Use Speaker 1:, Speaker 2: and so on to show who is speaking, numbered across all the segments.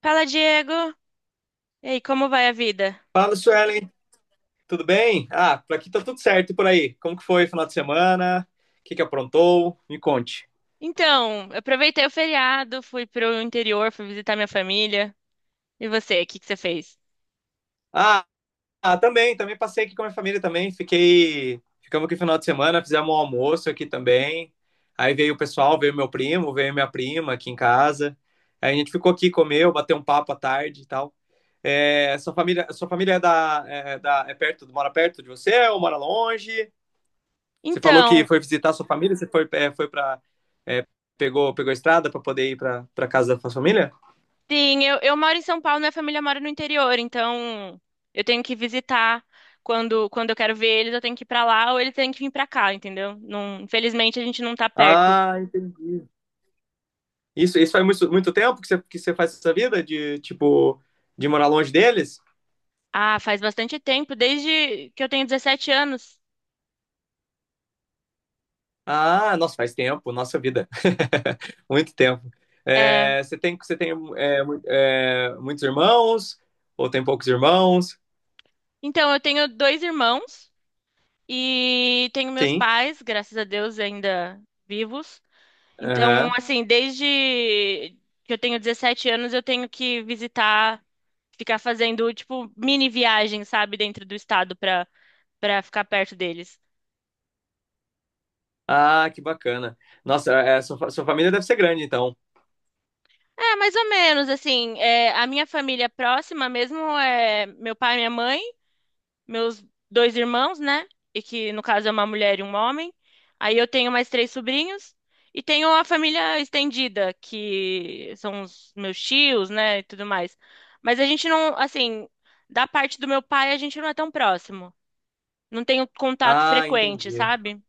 Speaker 1: Fala, Diego. E aí, como vai a vida?
Speaker 2: Fala, Suelen, tudo bem? Ah, por aqui tá tudo certo e por aí. Como que foi o final de semana? O que que aprontou? Me conte.
Speaker 1: Então, eu aproveitei o feriado, fui pro interior, fui visitar minha família. E você, o que que você fez?
Speaker 2: Ah, ah, também passei aqui com a minha família também. Ficamos aqui no final de semana, fizemos um almoço aqui também. Aí veio o pessoal, veio meu primo, veio minha prima aqui em casa. Aí a gente ficou aqui, comeu, bateu um papo à tarde e tal. É, sua família é perto, mora perto de você ou mora longe? Você falou que
Speaker 1: Então,
Speaker 2: foi visitar sua família, você foi, foi para é, pegou a estrada para poder ir para casa da sua família?
Speaker 1: sim, eu moro em São Paulo, minha família mora no interior, então eu tenho que visitar quando eu quero ver eles, eu tenho que ir pra lá ou eles têm que vir pra cá, entendeu? Não, infelizmente a gente não tá perto.
Speaker 2: Ah, entendi. Isso faz muito, muito tempo que você faz essa vida de tipo de morar longe deles?
Speaker 1: Ah, faz bastante tempo, desde que eu tenho 17 anos.
Speaker 2: Ah, nossa, faz tempo, nossa vida. Muito tempo.
Speaker 1: É,
Speaker 2: É, você tem muitos irmãos? Ou tem poucos irmãos?
Speaker 1: então, eu tenho dois irmãos. E tenho meus
Speaker 2: Sim.
Speaker 1: pais, graças a Deus, ainda vivos. Então,
Speaker 2: Aham.
Speaker 1: assim, desde que eu tenho 17 anos, eu tenho que visitar, ficar fazendo, tipo, mini viagem, sabe, dentro do estado para ficar perto deles.
Speaker 2: Ah, que bacana. Nossa, sua família deve ser grande, então.
Speaker 1: É, mais ou menos, assim, é, a minha família próxima mesmo é meu pai e minha mãe, meus dois irmãos, né? E que no caso é uma mulher e um homem. Aí eu tenho mais três sobrinhos e tenho a família estendida, que são os meus tios, né, e tudo mais. Mas a gente não, assim, da parte do meu pai a gente não é tão próximo. Não tenho contato
Speaker 2: Ah,
Speaker 1: frequente,
Speaker 2: entendi.
Speaker 1: sabe?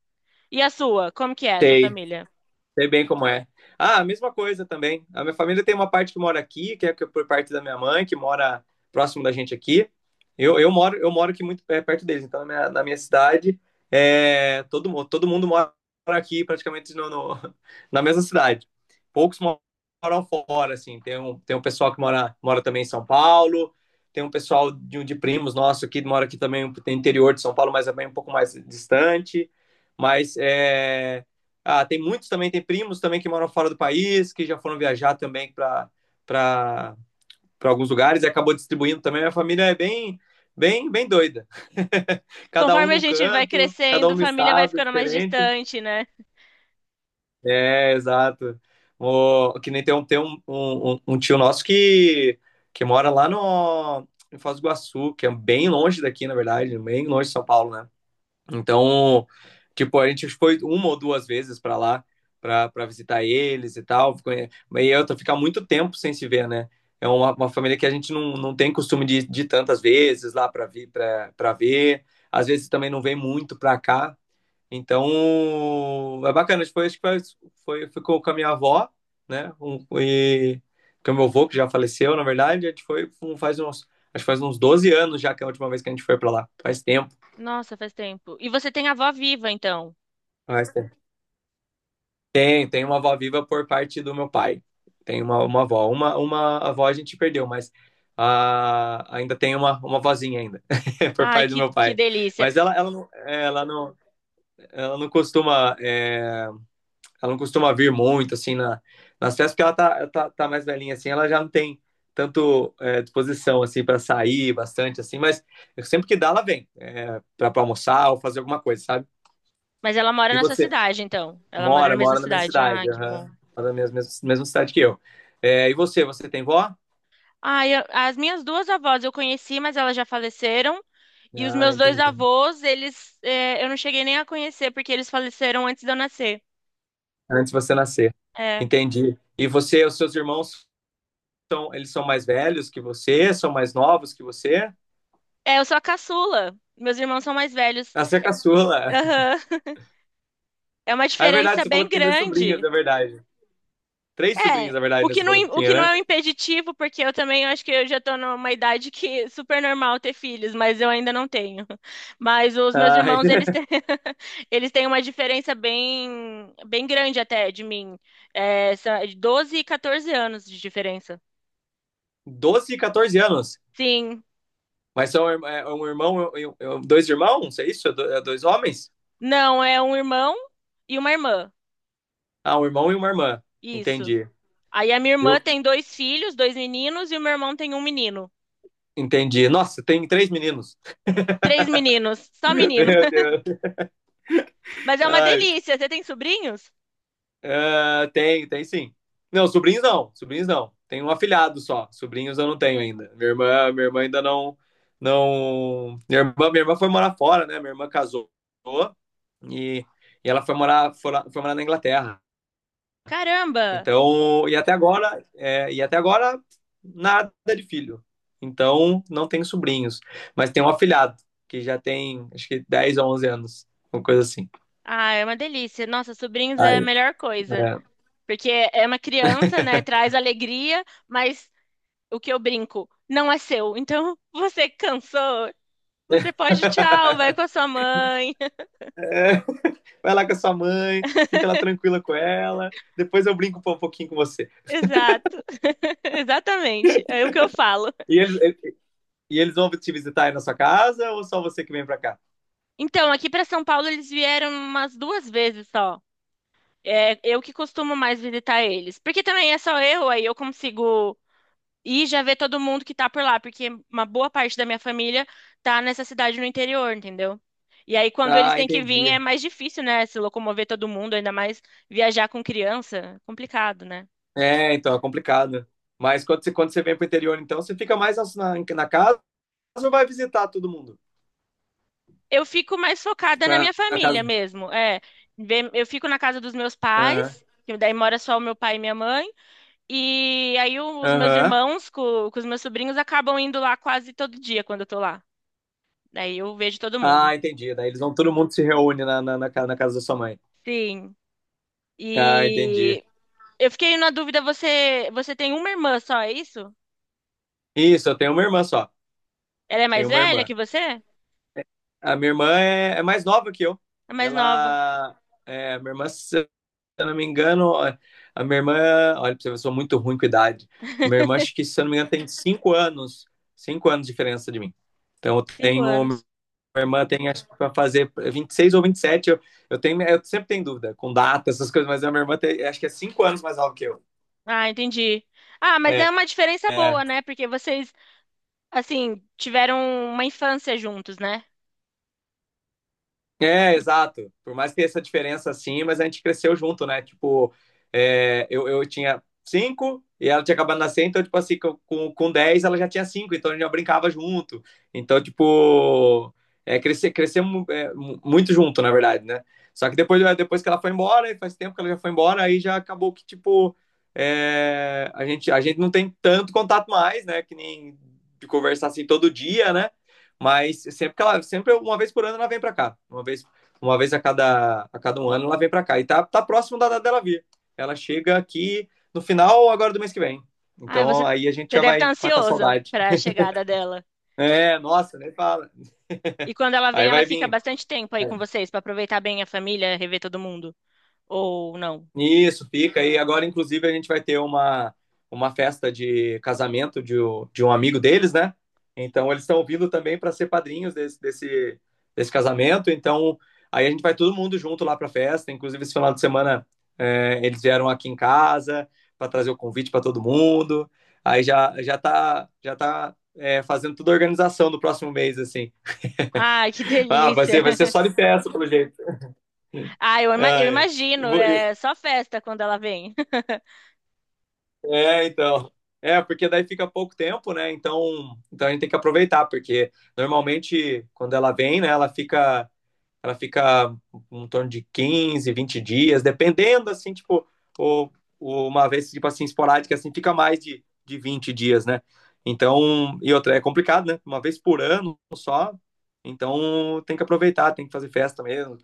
Speaker 1: E a sua? Como que é essa
Speaker 2: Sei.
Speaker 1: família?
Speaker 2: Sei bem como é. Ah, a mesma coisa também. A minha família tem uma parte que mora aqui, por parte da minha mãe, que mora próximo da gente aqui. Eu moro aqui muito perto deles, então na minha cidade, todo mundo mora aqui praticamente na mesma cidade. Poucos moram fora, assim. Tem um pessoal que mora também em São Paulo, tem um pessoal de primos nosso aqui, mora aqui também, um, tem interior de São Paulo, mas é bem um pouco mais distante. Mas é. Ah, tem muitos também, tem primos também que moram fora do país, que já foram viajar também para alguns lugares e acabou distribuindo também. Minha família é bem, bem, bem doida. Cada um
Speaker 1: Conforme a
Speaker 2: num
Speaker 1: gente vai
Speaker 2: canto, cada um
Speaker 1: crescendo,
Speaker 2: no
Speaker 1: família vai
Speaker 2: estado
Speaker 1: ficando mais
Speaker 2: diferente.
Speaker 1: distante, né?
Speaker 2: É, exato. O, que nem tem um tio nosso que mora lá no, em Foz do Iguaçu, que é bem longe daqui, na verdade, bem longe de São Paulo, né? Então, tipo, a gente foi uma ou duas vezes para lá para visitar eles e tal. E eu tô ficar muito tempo sem se ver, né? É uma família que a gente não tem costume de tantas vezes lá para vir para ver. Às vezes também não vem muito para cá. Então, é bacana. Tipo, acho que ficou com a minha avó, né? E com o meu avô, que já faleceu, na verdade. A gente foi um- faz uns, acho que faz uns 12 anos já que é a última vez que a gente foi para lá. Faz tempo.
Speaker 1: Nossa, faz tempo. E você tem a avó viva, então.
Speaker 2: Faz tempo. Tem uma avó viva por parte do meu pai. Tem uma avó. Uma avó a gente perdeu, mas ah, ainda tem uma vozinha ainda, por
Speaker 1: Ai,
Speaker 2: parte do
Speaker 1: que,
Speaker 2: meu
Speaker 1: que
Speaker 2: pai.
Speaker 1: delícia.
Speaker 2: Mas não, ela, não, ela não costuma vir muito assim nas festas, porque ela tá mais velhinha assim, ela já não tem tanto disposição assim para sair bastante assim, mas sempre que dá ela vem, para almoçar ou fazer alguma coisa, sabe?
Speaker 1: Mas ela mora
Speaker 2: E
Speaker 1: na sua
Speaker 2: você?
Speaker 1: cidade, então. Ela mora na
Speaker 2: Mora,
Speaker 1: mesma
Speaker 2: mora na minha
Speaker 1: cidade. Ah,
Speaker 2: cidade,
Speaker 1: que
Speaker 2: aham.
Speaker 1: bom.
Speaker 2: Mora na mesma cidade que eu. É, e você tem vó?
Speaker 1: Ah, as minhas duas avós eu conheci, mas elas já faleceram. E os
Speaker 2: Ah,
Speaker 1: meus dois
Speaker 2: entendi.
Speaker 1: avós, eles, é, eu não cheguei nem a conhecer, porque eles faleceram antes de eu nascer.
Speaker 2: Antes de você nascer.
Speaker 1: É.
Speaker 2: Entendi. E você, os seus irmãos, eles são mais velhos que você? São mais novos que você?
Speaker 1: É, eu sou a caçula. Meus irmãos são mais velhos.
Speaker 2: Ah, você é caçula.
Speaker 1: Aham. É uma
Speaker 2: Ah, é verdade,
Speaker 1: diferença
Speaker 2: você falou
Speaker 1: bem
Speaker 2: que tem dois sobrinhos,
Speaker 1: grande.
Speaker 2: é verdade. Três
Speaker 1: É,
Speaker 2: sobrinhos, na verdade,
Speaker 1: o
Speaker 2: né?
Speaker 1: que
Speaker 2: Você
Speaker 1: não,
Speaker 2: falou
Speaker 1: im-
Speaker 2: que
Speaker 1: o
Speaker 2: tinha,
Speaker 1: que não
Speaker 2: né?
Speaker 1: é um impeditivo, porque eu também acho que eu já tô numa idade que é super normal ter filhos, mas eu ainda não tenho. Mas os meus
Speaker 2: Ah,
Speaker 1: irmãos, eles têm, eles têm uma diferença bem, bem grande até de mim. É, são 12 e 14 anos de diferença.
Speaker 2: 12 e 14 anos.
Speaker 1: Sim,
Speaker 2: Mas são irm- é é um irmão, dois irmãos? É isso? É dois homens?
Speaker 1: não, é um irmão e uma irmã.
Speaker 2: Ah, um irmão e uma irmã.
Speaker 1: Isso.
Speaker 2: Entendi.
Speaker 1: Aí a minha
Speaker 2: E
Speaker 1: irmã tem dois filhos, dois meninos, e o meu irmão tem um menino.
Speaker 2: Entendi. Nossa, tem três meninos.
Speaker 1: Três meninos, só
Speaker 2: Meu
Speaker 1: menino.
Speaker 2: Deus.
Speaker 1: Mas é uma
Speaker 2: Ai,
Speaker 1: delícia. Você tem sobrinhos?
Speaker 2: ah, tem sim. Não, sobrinhos não, sobrinhos não. Tenho um afilhado só. Sobrinhos eu não tenho ainda. Minha irmã ainda não, não. Minha irmã foi morar fora, né? Minha irmã casou e, e ela foi morar na Inglaterra.
Speaker 1: Caramba!
Speaker 2: Então, e até agora, é, e até agora nada de filho. Então, não tenho sobrinhos, mas tenho um afilhado que já tem acho que 10 a 11 anos, uma coisa assim.
Speaker 1: Ah, é uma delícia. Nossa, sobrinhos é a
Speaker 2: Aí,
Speaker 1: melhor coisa. Porque é uma criança, né? Traz alegria, mas o que eu brinco não é seu. Então, você cansou, você pode, tchau, vai com a sua mãe.
Speaker 2: É, é, vai lá com a sua mãe, fica lá tranquila com ela, depois eu brinco um pouquinho com você.
Speaker 1: Exato. Exatamente. É o que eu falo.
Speaker 2: E eles, e eles vão te visitar aí na sua casa ou só você que vem pra cá?
Speaker 1: Então, aqui para São Paulo eles vieram umas duas vezes só. É eu que costumo mais visitar eles. Porque também é só eu, aí eu consigo e já ver todo mundo que tá por lá, porque uma boa parte da minha família tá nessa cidade no interior, entendeu? E aí, quando eles
Speaker 2: Ah,
Speaker 1: têm que vir, é
Speaker 2: entendi.
Speaker 1: mais difícil, né? Se locomover todo mundo, ainda mais viajar com criança, complicado, né?
Speaker 2: É, então é complicado. Mas quando você vem pro interior, então, você fica mais na casa ou vai visitar todo mundo?
Speaker 1: Eu fico mais focada
Speaker 2: Tu
Speaker 1: na
Speaker 2: vai
Speaker 1: minha
Speaker 2: na
Speaker 1: família
Speaker 2: casa.
Speaker 1: mesmo. É, eu fico na casa dos meus
Speaker 2: Aham.
Speaker 1: pais, que daí mora só o meu pai e minha mãe. E aí, os meus
Speaker 2: Aham.
Speaker 1: irmãos com os meus sobrinhos acabam indo lá quase todo dia quando eu tô lá. Daí eu vejo todo mundo.
Speaker 2: Ah, entendi. Daí eles vão, todo mundo se reúne na casa da sua mãe.
Speaker 1: Sim.
Speaker 2: Ah, entendi.
Speaker 1: E eu fiquei na dúvida, você tem uma irmã só, é isso?
Speaker 2: Isso, eu tenho uma irmã só.
Speaker 1: Ela é mais
Speaker 2: Tenho uma
Speaker 1: velha
Speaker 2: irmã.
Speaker 1: que você?
Speaker 2: A minha irmã é mais nova que eu.
Speaker 1: É mais nova,
Speaker 2: Ela. É, a minha irmã, se eu não me engano, a minha irmã. Olha, pra você ver, eu sou muito ruim com idade. Minha irmã, acho que, se eu não me engano, tem 5 anos. 5 anos de diferença de mim. Então, eu
Speaker 1: cinco
Speaker 2: tenho. Minha
Speaker 1: anos.
Speaker 2: irmã tem, acho que, pra fazer 26 ou 27. Eu sempre tenho dúvida com data, essas coisas, mas a minha irmã tem, acho que é 5 anos mais nova que eu.
Speaker 1: Ah, entendi. Ah, mas é
Speaker 2: É,
Speaker 1: uma diferença
Speaker 2: é,
Speaker 1: boa, né? Porque vocês, assim, tiveram uma infância juntos, né?
Speaker 2: É, exato. Por mais que essa diferença assim, mas a gente cresceu junto, né? Tipo, eu tinha cinco e ela tinha acabado de nascer, então, tipo assim, com 10 ela já tinha cinco, então a gente já brincava junto. Então, tipo, crescemos muito junto, na verdade, né? Só que depois que ela foi embora, e faz tempo que ela já foi embora, aí já acabou que, tipo, a gente não tem tanto contato mais, né? Que nem de conversar assim todo dia, né? Mas sempre uma vez por ano ela vem para cá, uma vez a cada um ano ela vem para cá e tá próximo da data dela vir. Ela chega aqui no final agora do mês que vem.
Speaker 1: Ah, você,
Speaker 2: Então aí a gente
Speaker 1: você
Speaker 2: já
Speaker 1: deve estar
Speaker 2: vai matar a
Speaker 1: ansioso
Speaker 2: saudade.
Speaker 1: para a chegada dela.
Speaker 2: É, nossa, nem fala.
Speaker 1: E quando ela vem,
Speaker 2: Aí
Speaker 1: ela
Speaker 2: vai
Speaker 1: fica
Speaker 2: vir.
Speaker 1: bastante tempo aí com vocês para aproveitar bem a família, rever todo mundo. Ou não?
Speaker 2: Isso, fica. E agora, inclusive, a gente vai ter uma festa de casamento de um amigo deles, né? Então, eles estão vindo também para ser padrinhos desse casamento. Então, aí a gente vai todo mundo junto lá para a festa. Inclusive, esse final de semana, eles vieram aqui em casa para trazer o convite para todo mundo. Aí já tá fazendo toda a organização do próximo mês, assim.
Speaker 1: Ai, que
Speaker 2: Ah, vai
Speaker 1: delícia!
Speaker 2: ser, vai ser só de festa, pelo jeito.
Speaker 1: Ah, eu, ima-
Speaker 2: Ah,
Speaker 1: eu
Speaker 2: é. E,
Speaker 1: imagino,
Speaker 2: vo- e
Speaker 1: é só festa quando ela vem.
Speaker 2: É, então. É, porque daí fica pouco tempo, né? Então a gente tem que aproveitar, porque normalmente quando ela vem, né, ela fica em torno de 15, 20 dias, dependendo assim, tipo, ou, ou uma vez tipo assim esporádica assim, fica mais de 20 dias, né? Então, e outra é complicado, né? Uma vez por ano só. Então, tem que aproveitar, tem que fazer festa mesmo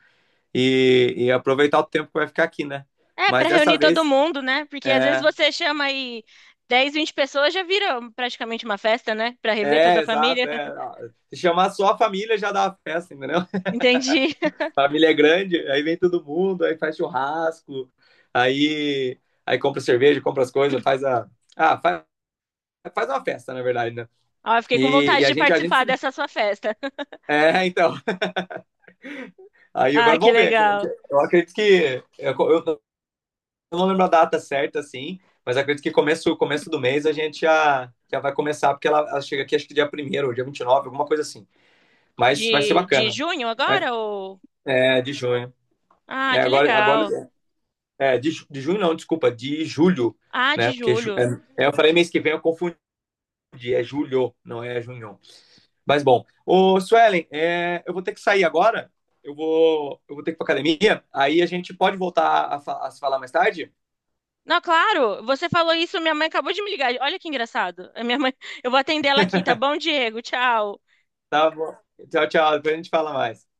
Speaker 2: e aproveitar o tempo que vai ficar aqui, né?
Speaker 1: É,
Speaker 2: Mas
Speaker 1: para
Speaker 2: dessa
Speaker 1: reunir todo
Speaker 2: vez,
Speaker 1: mundo, né? Porque às vezes
Speaker 2: é,
Speaker 1: você chama aí 10, 20 pessoas, já vira praticamente uma festa, né? Para rever toda
Speaker 2: É,
Speaker 1: a família.
Speaker 2: exato. É. Se chamar só a família já dá a festa, entendeu?
Speaker 1: Entendi.
Speaker 2: A família é grande, aí vem todo mundo, aí faz churrasco, aí compra cerveja, compra as coisas, faz a. Ah, faz uma festa, na verdade, né?
Speaker 1: Ó, fiquei com
Speaker 2: E,
Speaker 1: vontade
Speaker 2: e a
Speaker 1: de
Speaker 2: gente, a gente.
Speaker 1: participar dessa sua festa.
Speaker 2: É, então. Aí
Speaker 1: Ah,
Speaker 2: agora
Speaker 1: que
Speaker 2: vamos ver.
Speaker 1: legal.
Speaker 2: Eu acredito que. Eu não lembro a data certa, assim, mas acredito que começo do mês a gente já vai começar, porque ela chega aqui acho que dia primeiro, ou dia 29, alguma coisa assim. Mas vai ser
Speaker 1: De
Speaker 2: bacana.
Speaker 1: junho
Speaker 2: Vai-
Speaker 1: agora? Ou...
Speaker 2: É, de junho.
Speaker 1: Ah,
Speaker 2: É,
Speaker 1: que
Speaker 2: agora
Speaker 1: legal.
Speaker 2: de junho não, desculpa, de julho,
Speaker 1: Ah,
Speaker 2: né?
Speaker 1: de
Speaker 2: Porque ju- é,
Speaker 1: julho.
Speaker 2: é, eu falei mês que vem, eu confundi, é julho, não é junho. Mas bom, ô Suelen, eu vou ter que sair agora, eu vou ter que ir pra academia, aí a gente pode voltar a se falar mais tarde?
Speaker 1: Não, claro, você falou isso, minha mãe acabou de me ligar. Olha que engraçado. A minha mãe, eu vou atender ela aqui, tá bom, Diego? Tchau.
Speaker 2: Tá bom. Tchau, tchau, depois a gente fala mais.